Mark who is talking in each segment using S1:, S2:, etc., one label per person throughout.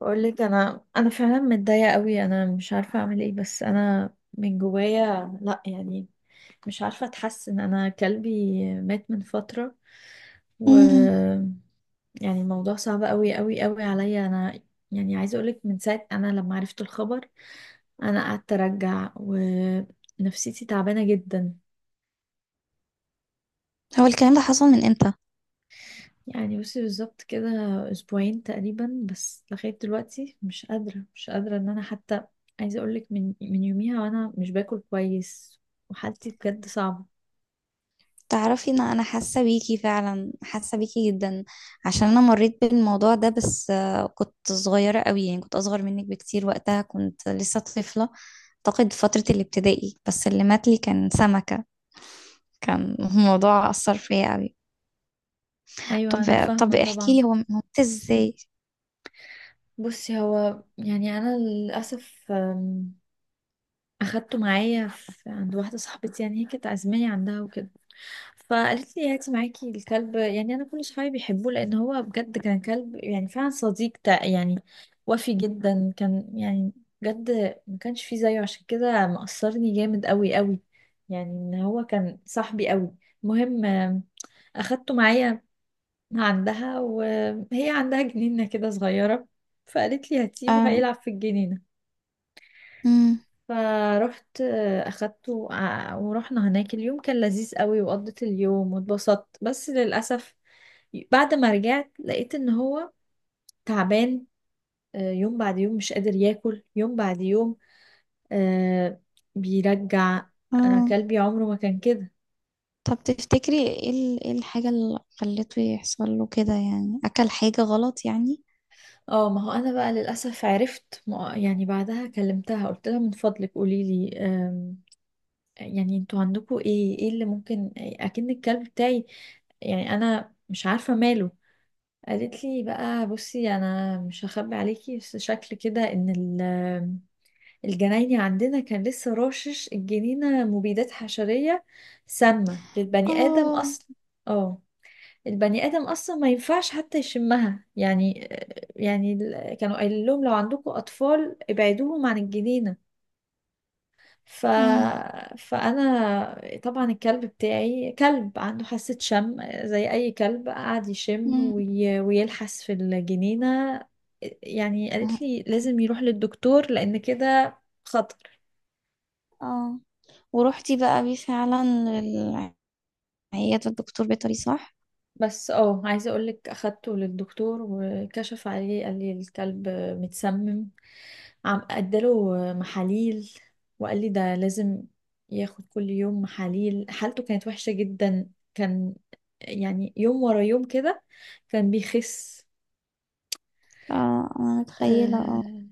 S1: بقول لك انا فعلا متضايقه قوي، انا مش عارفه اعمل ايه، بس انا من جوايا لا يعني مش عارفه اتحسن. انا كلبي مات من فتره، و
S2: امم
S1: يعني الموضوع صعب قوي قوي قوي عليا انا. يعني عايزه اقولك من ساعه انا لما عرفت الخبر انا قعدت ارجع ونفسيتي تعبانه جدا.
S2: هو الكلام ده حصل من امتى؟
S1: يعني بصي بالظبط كده اسبوعين تقريبا، بس لغايه دلوقتي مش قادره، مش قادره ان انا حتى. عايزه اقولك من يوميها وانا مش باكل كويس، وحالتي بجد صعبه.
S2: تعرفي ان انا حاسه بيكي، فعلا حاسه بيكي جدا. عشان انا مريت بالموضوع ده، بس كنت صغيره قوي. يعني كنت اصغر منك بكتير، وقتها كنت لسه طفله. اعتقد فتره الابتدائي. بس اللي مات لي كان سمكه. كان الموضوع اثر فيا قوي. طب
S1: ايوه انا
S2: طب
S1: فاهمه
S2: احكي
S1: طبعا.
S2: لي، هو مات ازاي؟
S1: بصي هو يعني انا للاسف اخدته معايا عند واحده صاحبتي، يعني هي كانت عازماني عندها وكده، فقالت لي هاتي معاكي الكلب. يعني انا كل صحابي بيحبوه لان هو بجد كان كلب يعني فعلا صديق يعني، وفي جدا كان يعني بجد ما كانش فيه زيه، عشان كده مأثرني جامد قوي قوي، يعني ان هو كان صاحبي قوي. المهم اخدته معايا عندها، وهي عندها جنينة كده صغيرة، فقالت لي هاتيه
S2: اه.
S1: وهيلعب في الجنينة.
S2: امم.
S1: فروحت اخدته ورحنا هناك. اليوم كان لذيذ قوي وقضيت اليوم واتبسطت، بس للاسف بعد ما رجعت لقيت ان هو تعبان. يوم بعد يوم مش قادر ياكل، يوم بعد يوم آه، بيرجع. انا
S2: اه.
S1: كلبي عمره ما كان كده.
S2: طب تفتكري ايه إيه الحاجه اللي خلته يحصل له كده؟ يعني اكل حاجه غلط يعني؟
S1: اه، ما هو انا بقى للاسف عرفت. يعني بعدها كلمتها قلت لها من فضلك قولي لي، يعني انتوا عندكم ايه اللي ممكن اكن الكلب بتاعي، يعني انا مش عارفه ماله. قالت لي بقى بصي، انا مش هخبي عليكي، بس شكل كده ان الجنايني عندنا كان لسه راشش الجنينه مبيدات حشريه سامه للبني ادم
S2: اه.
S1: اصلا. اه، البني ادم اصلا ما ينفعش حتى يشمها يعني. يعني كانوا قايلين لهم لو عندكم اطفال ابعدوهم عن الجنينه. ف...
S2: مم.
S1: فأنا طبعا الكلب بتاعي كلب عنده حاسة شم زي أي كلب، قعد يشم
S2: مم.
S1: ويلحس في الجنينة. يعني قالت لي لازم يروح للدكتور لأن كده خطر.
S2: اه. ورحتي بقى بيه فعلا للعيادة، الدكتور بيطري صح؟
S1: بس اه عايزة أقولك أخدته للدكتور وكشف عليه، قال لي الكلب متسمم. عم اداله محاليل وقال لي ده لازم ياخد كل يوم محاليل. حالته كانت وحشة جدا، كان يعني يوم ورا يوم كده كان بيخس.
S2: اه، انا متخيلة اه.
S1: آه،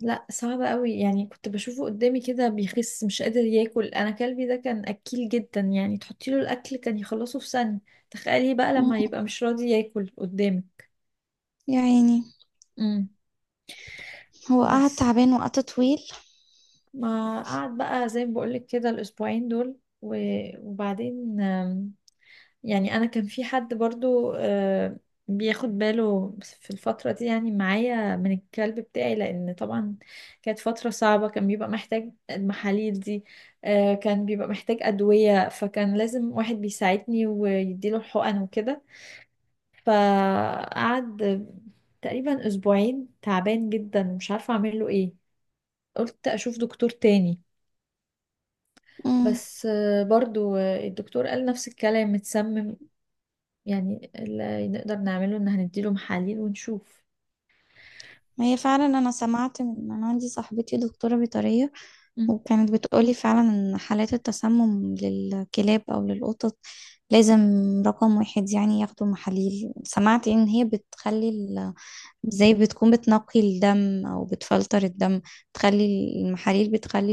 S1: لا صعبة قوي، يعني كنت بشوفه قدامي كده بيخس مش قادر ياكل. انا كلبي ده كان اكيل جدا، يعني تحطي له الاكل كان يخلصه في ثانية، تخيلي بقى
S2: مم.
S1: لما يبقى مش راضي ياكل قدامي.
S2: يا عيني.
S1: امم،
S2: هو قعد
S1: بس
S2: تعبان وقت طويل؟
S1: ما قعد بقى زي ما بقولك كده الاسبوعين دول وبعدين. يعني انا كان في حد برضو بياخد باله في الفترة دي يعني معايا من الكلب بتاعي، لان طبعا كانت فترة صعبة، كان بيبقى محتاج المحاليل دي. كان بيبقى محتاج أدوية، فكان لازم واحد بيساعدني ويديله الحقن وكده. فقعد تقريبا اسبوعين تعبان جدا ومش عارفة اعمل له ايه. قلت اشوف دكتور تاني،
S2: امم.
S1: بس برضو الدكتور قال نفس الكلام، متسمم، يعني اللي نقدر نعمله ان هنديله محاليل ونشوف.
S2: هي فعلا انا سمعت، انا عندي صاحبتي دكتوره بيطريه،
S1: مم.
S2: وكانت بتقولي فعلا ان حالات التسمم للكلاب او للقطط لازم، رقم واحد يعني ياخدوا محاليل. سمعت ان هي بتخلي، زي بتكون بتنقي الدم او بتفلتر الدم. تخلي المحاليل بتخلي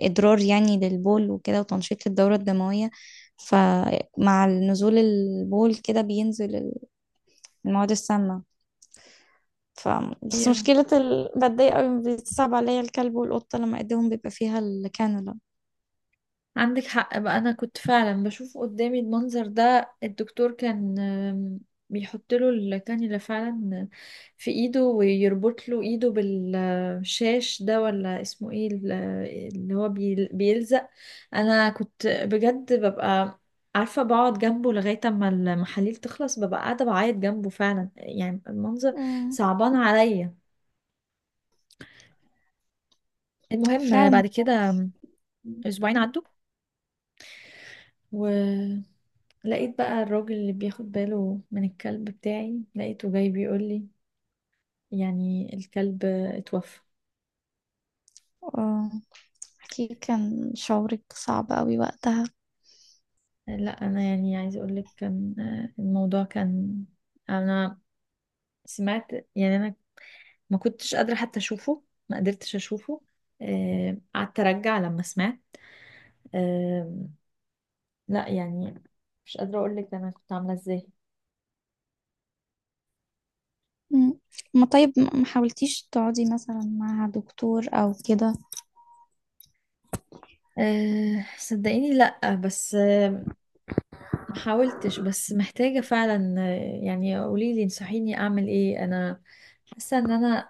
S2: الادرار يعني للبول وكده، وتنشيط الدورة الدموية. فمع نزول البول كده بينزل المواد السامة. ف بس
S1: ايوه
S2: مشكلة بتضايق قوي، بتصعب عليا الكلب والقطة لما ايديهم بيبقى فيها الكانولا.
S1: عندك حق بقى، انا كنت فعلا بشوف قدامي المنظر ده. الدكتور كان بيحط له الكانيولا فعلا في ايده، ويربط له ايده بالشاش ده، ولا اسمه ايه اللي هو بيلزق. انا كنت بجد ببقى عارفة، بقعد جنبه لغاية اما المحاليل تخلص، ببقى قاعدة بعيط جنبه فعلا، يعني المنظر
S2: مم.
S1: صعبان عليا. المهم
S2: فعلا.
S1: بعد كده اسبوعين عدوا، ولقيت بقى الراجل اللي بياخد باله من الكلب بتاعي لقيته جاي بيقول لي يعني الكلب اتوفى.
S2: آه، أكيد كان شعورك صعب قوي وقتها.
S1: لا انا يعني عايزه اقول لك كان الموضوع كان، انا سمعت، يعني انا ما كنتش قادره حتى اشوفه، ما قدرتش اشوفه. قعدت ارجع لما سمعت آه، لا يعني مش قادره اقول لك انا كنت عامله ازاي.
S2: مم. ما طيب ما حاولتيش تقعدي مثلا مع دكتور أو كده؟
S1: صدقيني لا، بس محاولتش، بس محتاجة فعلا يعني قوليلي انصحيني اعمل ايه. انا حاسة ان انا،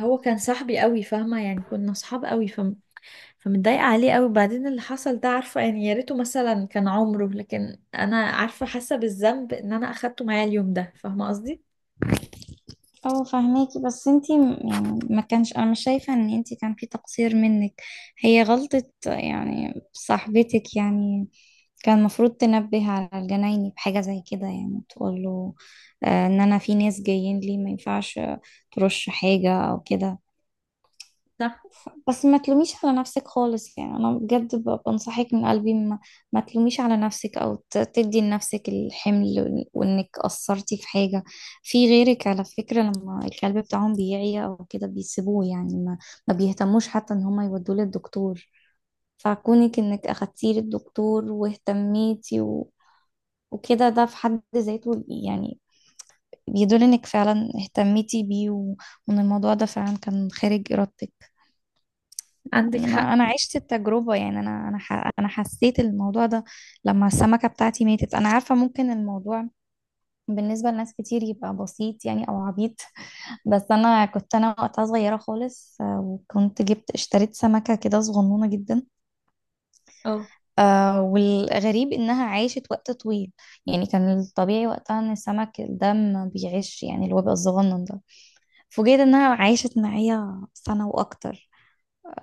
S1: هو كان صاحبي قوي فاهمة، يعني كنا صحاب قوي، فمتضايقة عليه قوي. بعدين اللي حصل ده عارفة يعني، يا ريته مثلا كان عمره، لكن انا عارفة حاسة بالذنب ان انا اخدته معايا اليوم ده، فاهمة قصدي.
S2: اه فهماكي. بس انتي يعني ما كانش، انا مش شايفة ان انتي كان في تقصير منك. هي غلطة يعني صاحبتك يعني. كان المفروض تنبه على الجنايني بحاجة زي كده، يعني تقول له ان انا في ناس جايين لي، ما ينفعش ترش حاجة او كده.
S1: صح،
S2: بس ما تلوميش على نفسك خالص. يعني انا بجد بنصحك من قلبي، ما تلوميش على نفسك او تدي لنفسك الحمل وانك قصرتي في حاجة. في غيرك على فكرة، لما الكلب بتاعهم بيعيا او كده بيسيبوه، يعني ما بيهتموش حتى ان هم يودوه للدكتور. فكونك انك اخدتيه للدكتور واهتميتي وكده ده في حد ذاته يعني بيدل انك فعلا اهتميتي بيه وان الموضوع ده فعلا كان خارج ارادتك.
S1: عندك
S2: انا
S1: حق
S2: أنا عشت التجربه. يعني انا انا حسيت الموضوع ده لما السمكه بتاعتي ماتت. انا عارفه ممكن الموضوع بالنسبه لناس كتير يبقى بسيط يعني، او عبيط. بس انا كنت، انا وقتها صغيره خالص. وكنت اشتريت سمكه كده صغنونه جدا.
S1: اه.
S2: والغريب انها عاشت وقت طويل. يعني كان الطبيعي وقتها ان السمك ده ما بيعيش، يعني اللي هو بيبقى الصغنن ده. فوجئت انها عاشت معايا سنه واكتر.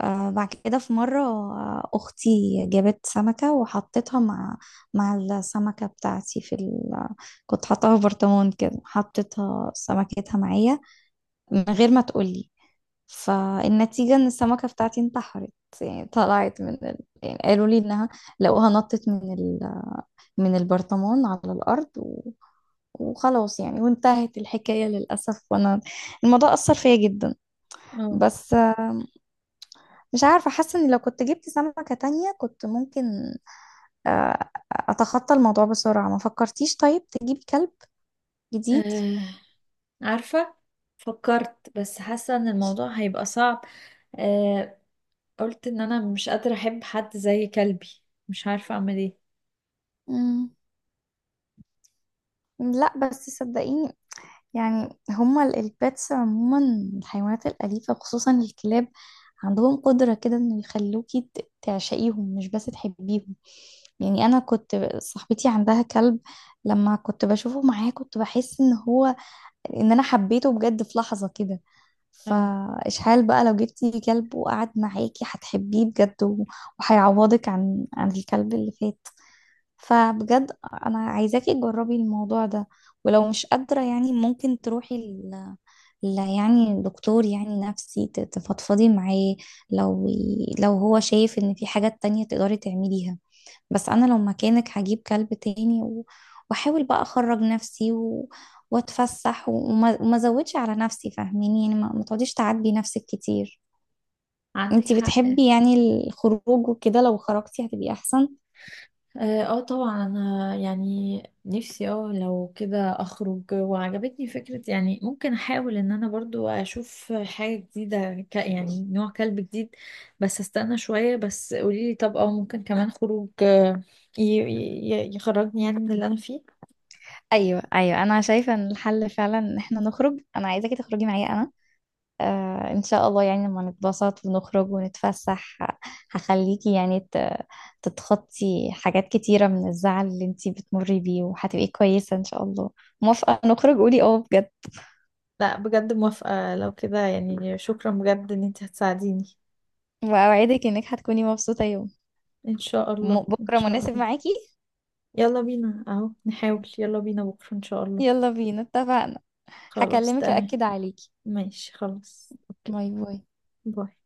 S2: آه بعد كده في مرة، أختي جابت سمكة وحطيتها مع السمكة بتاعتي في كنت حاطاها في برطمان كده، حطيتها سمكتها معايا من غير ما تقولي. فالنتيجة إن السمكة بتاعتي انتحرت. يعني طلعت من يعني قالوا لي إنها لقوها نطت من من البرطمان على الأرض وخلاص يعني، وانتهت الحكاية للأسف. وأنا الموضوع أثر فيا جدا.
S1: اه،
S2: بس مش عارفة، حاسة ان لو كنت جبت سمكة تانية كنت ممكن اتخطى الموضوع بسرعة. ما فكرتيش طيب تجيبي كلب جديد؟
S1: آه، عارفة فكرت، بس حاسة ان الموضوع هيبقى صعب. آه، قلت ان انا مش قادرة احب حد زي كلبي، مش عارفة اعمل ايه.
S2: مم. لا بس صدقيني، يعني هما البيتس عموما، الحيوانات الأليفة خصوصا الكلاب، عندهم قدرة كده انه يخلوكي تعشقيهم مش بس تحبيهم. يعني انا كنت صاحبتي عندها كلب، لما كنت بشوفه معاه كنت بحس ان هو ان انا حبيته بجد في لحظة كده.
S1: اه
S2: فإشحال بقى لو جبتي كلب وقعد معاكي هتحبيه بجد، وهيعوضك عن الكلب اللي فات. فبجد انا عايزاكي تجربي الموضوع ده. ولو مش قادرة يعني ممكن تروحي لا يعني دكتور، يعني نفسي تفضفضي معاه. لو هو شايف ان في حاجات تانية تقدري تعمليها. بس انا لو مكانك هجيب كلب تاني واحاول بقى اخرج نفسي واتفسح وما ازودش على نفسي فاهميني. يعني ما تقعديش تعبي نفسك كتير.
S1: عندك
S2: انتي
S1: حق اه.
S2: بتحبي يعني الخروج وكده، لو خرجتي هتبقي احسن.
S1: آه طبعا انا يعني نفسي، اه لو كده اخرج. وعجبتني فكرة يعني ممكن احاول ان انا برضو اشوف حاجة جديدة، ك يعني نوع كلب جديد. بس استنى شوية، بس قوليلي طب اه ممكن كمان خروج ي- يخرجني يعني من اللي انا فيه.
S2: ايوه ايوه، انا شايفه ان الحل فعلا ان احنا نخرج. انا عايزاكي تخرجي معايا انا. آه ان شاء الله، يعني لما نتبسط ونخرج ونتفسح هخليكي يعني تتخطي حاجات كتيرة من الزعل اللي انتي بتمري بيه، وهتبقي كويسة ان شاء الله. موافقة نخرج؟ قولي اه بجد.
S1: لا بجد موافقة، لو كده يعني شكرا بجد ان انت هتساعديني.
S2: واوعدك انك هتكوني مبسوطة يوم.
S1: ان شاء الله ان
S2: بكرة
S1: شاء
S2: مناسب
S1: الله.
S2: معاكي؟
S1: يلا بينا اهو نحاول، يلا بينا بكرة ان شاء الله.
S2: يلا بينا اتفقنا.
S1: خلاص
S2: هكلمك
S1: تمام.
S2: أأكد عليكي.
S1: ماشي خلاص اوكي.
S2: باي باي.
S1: باي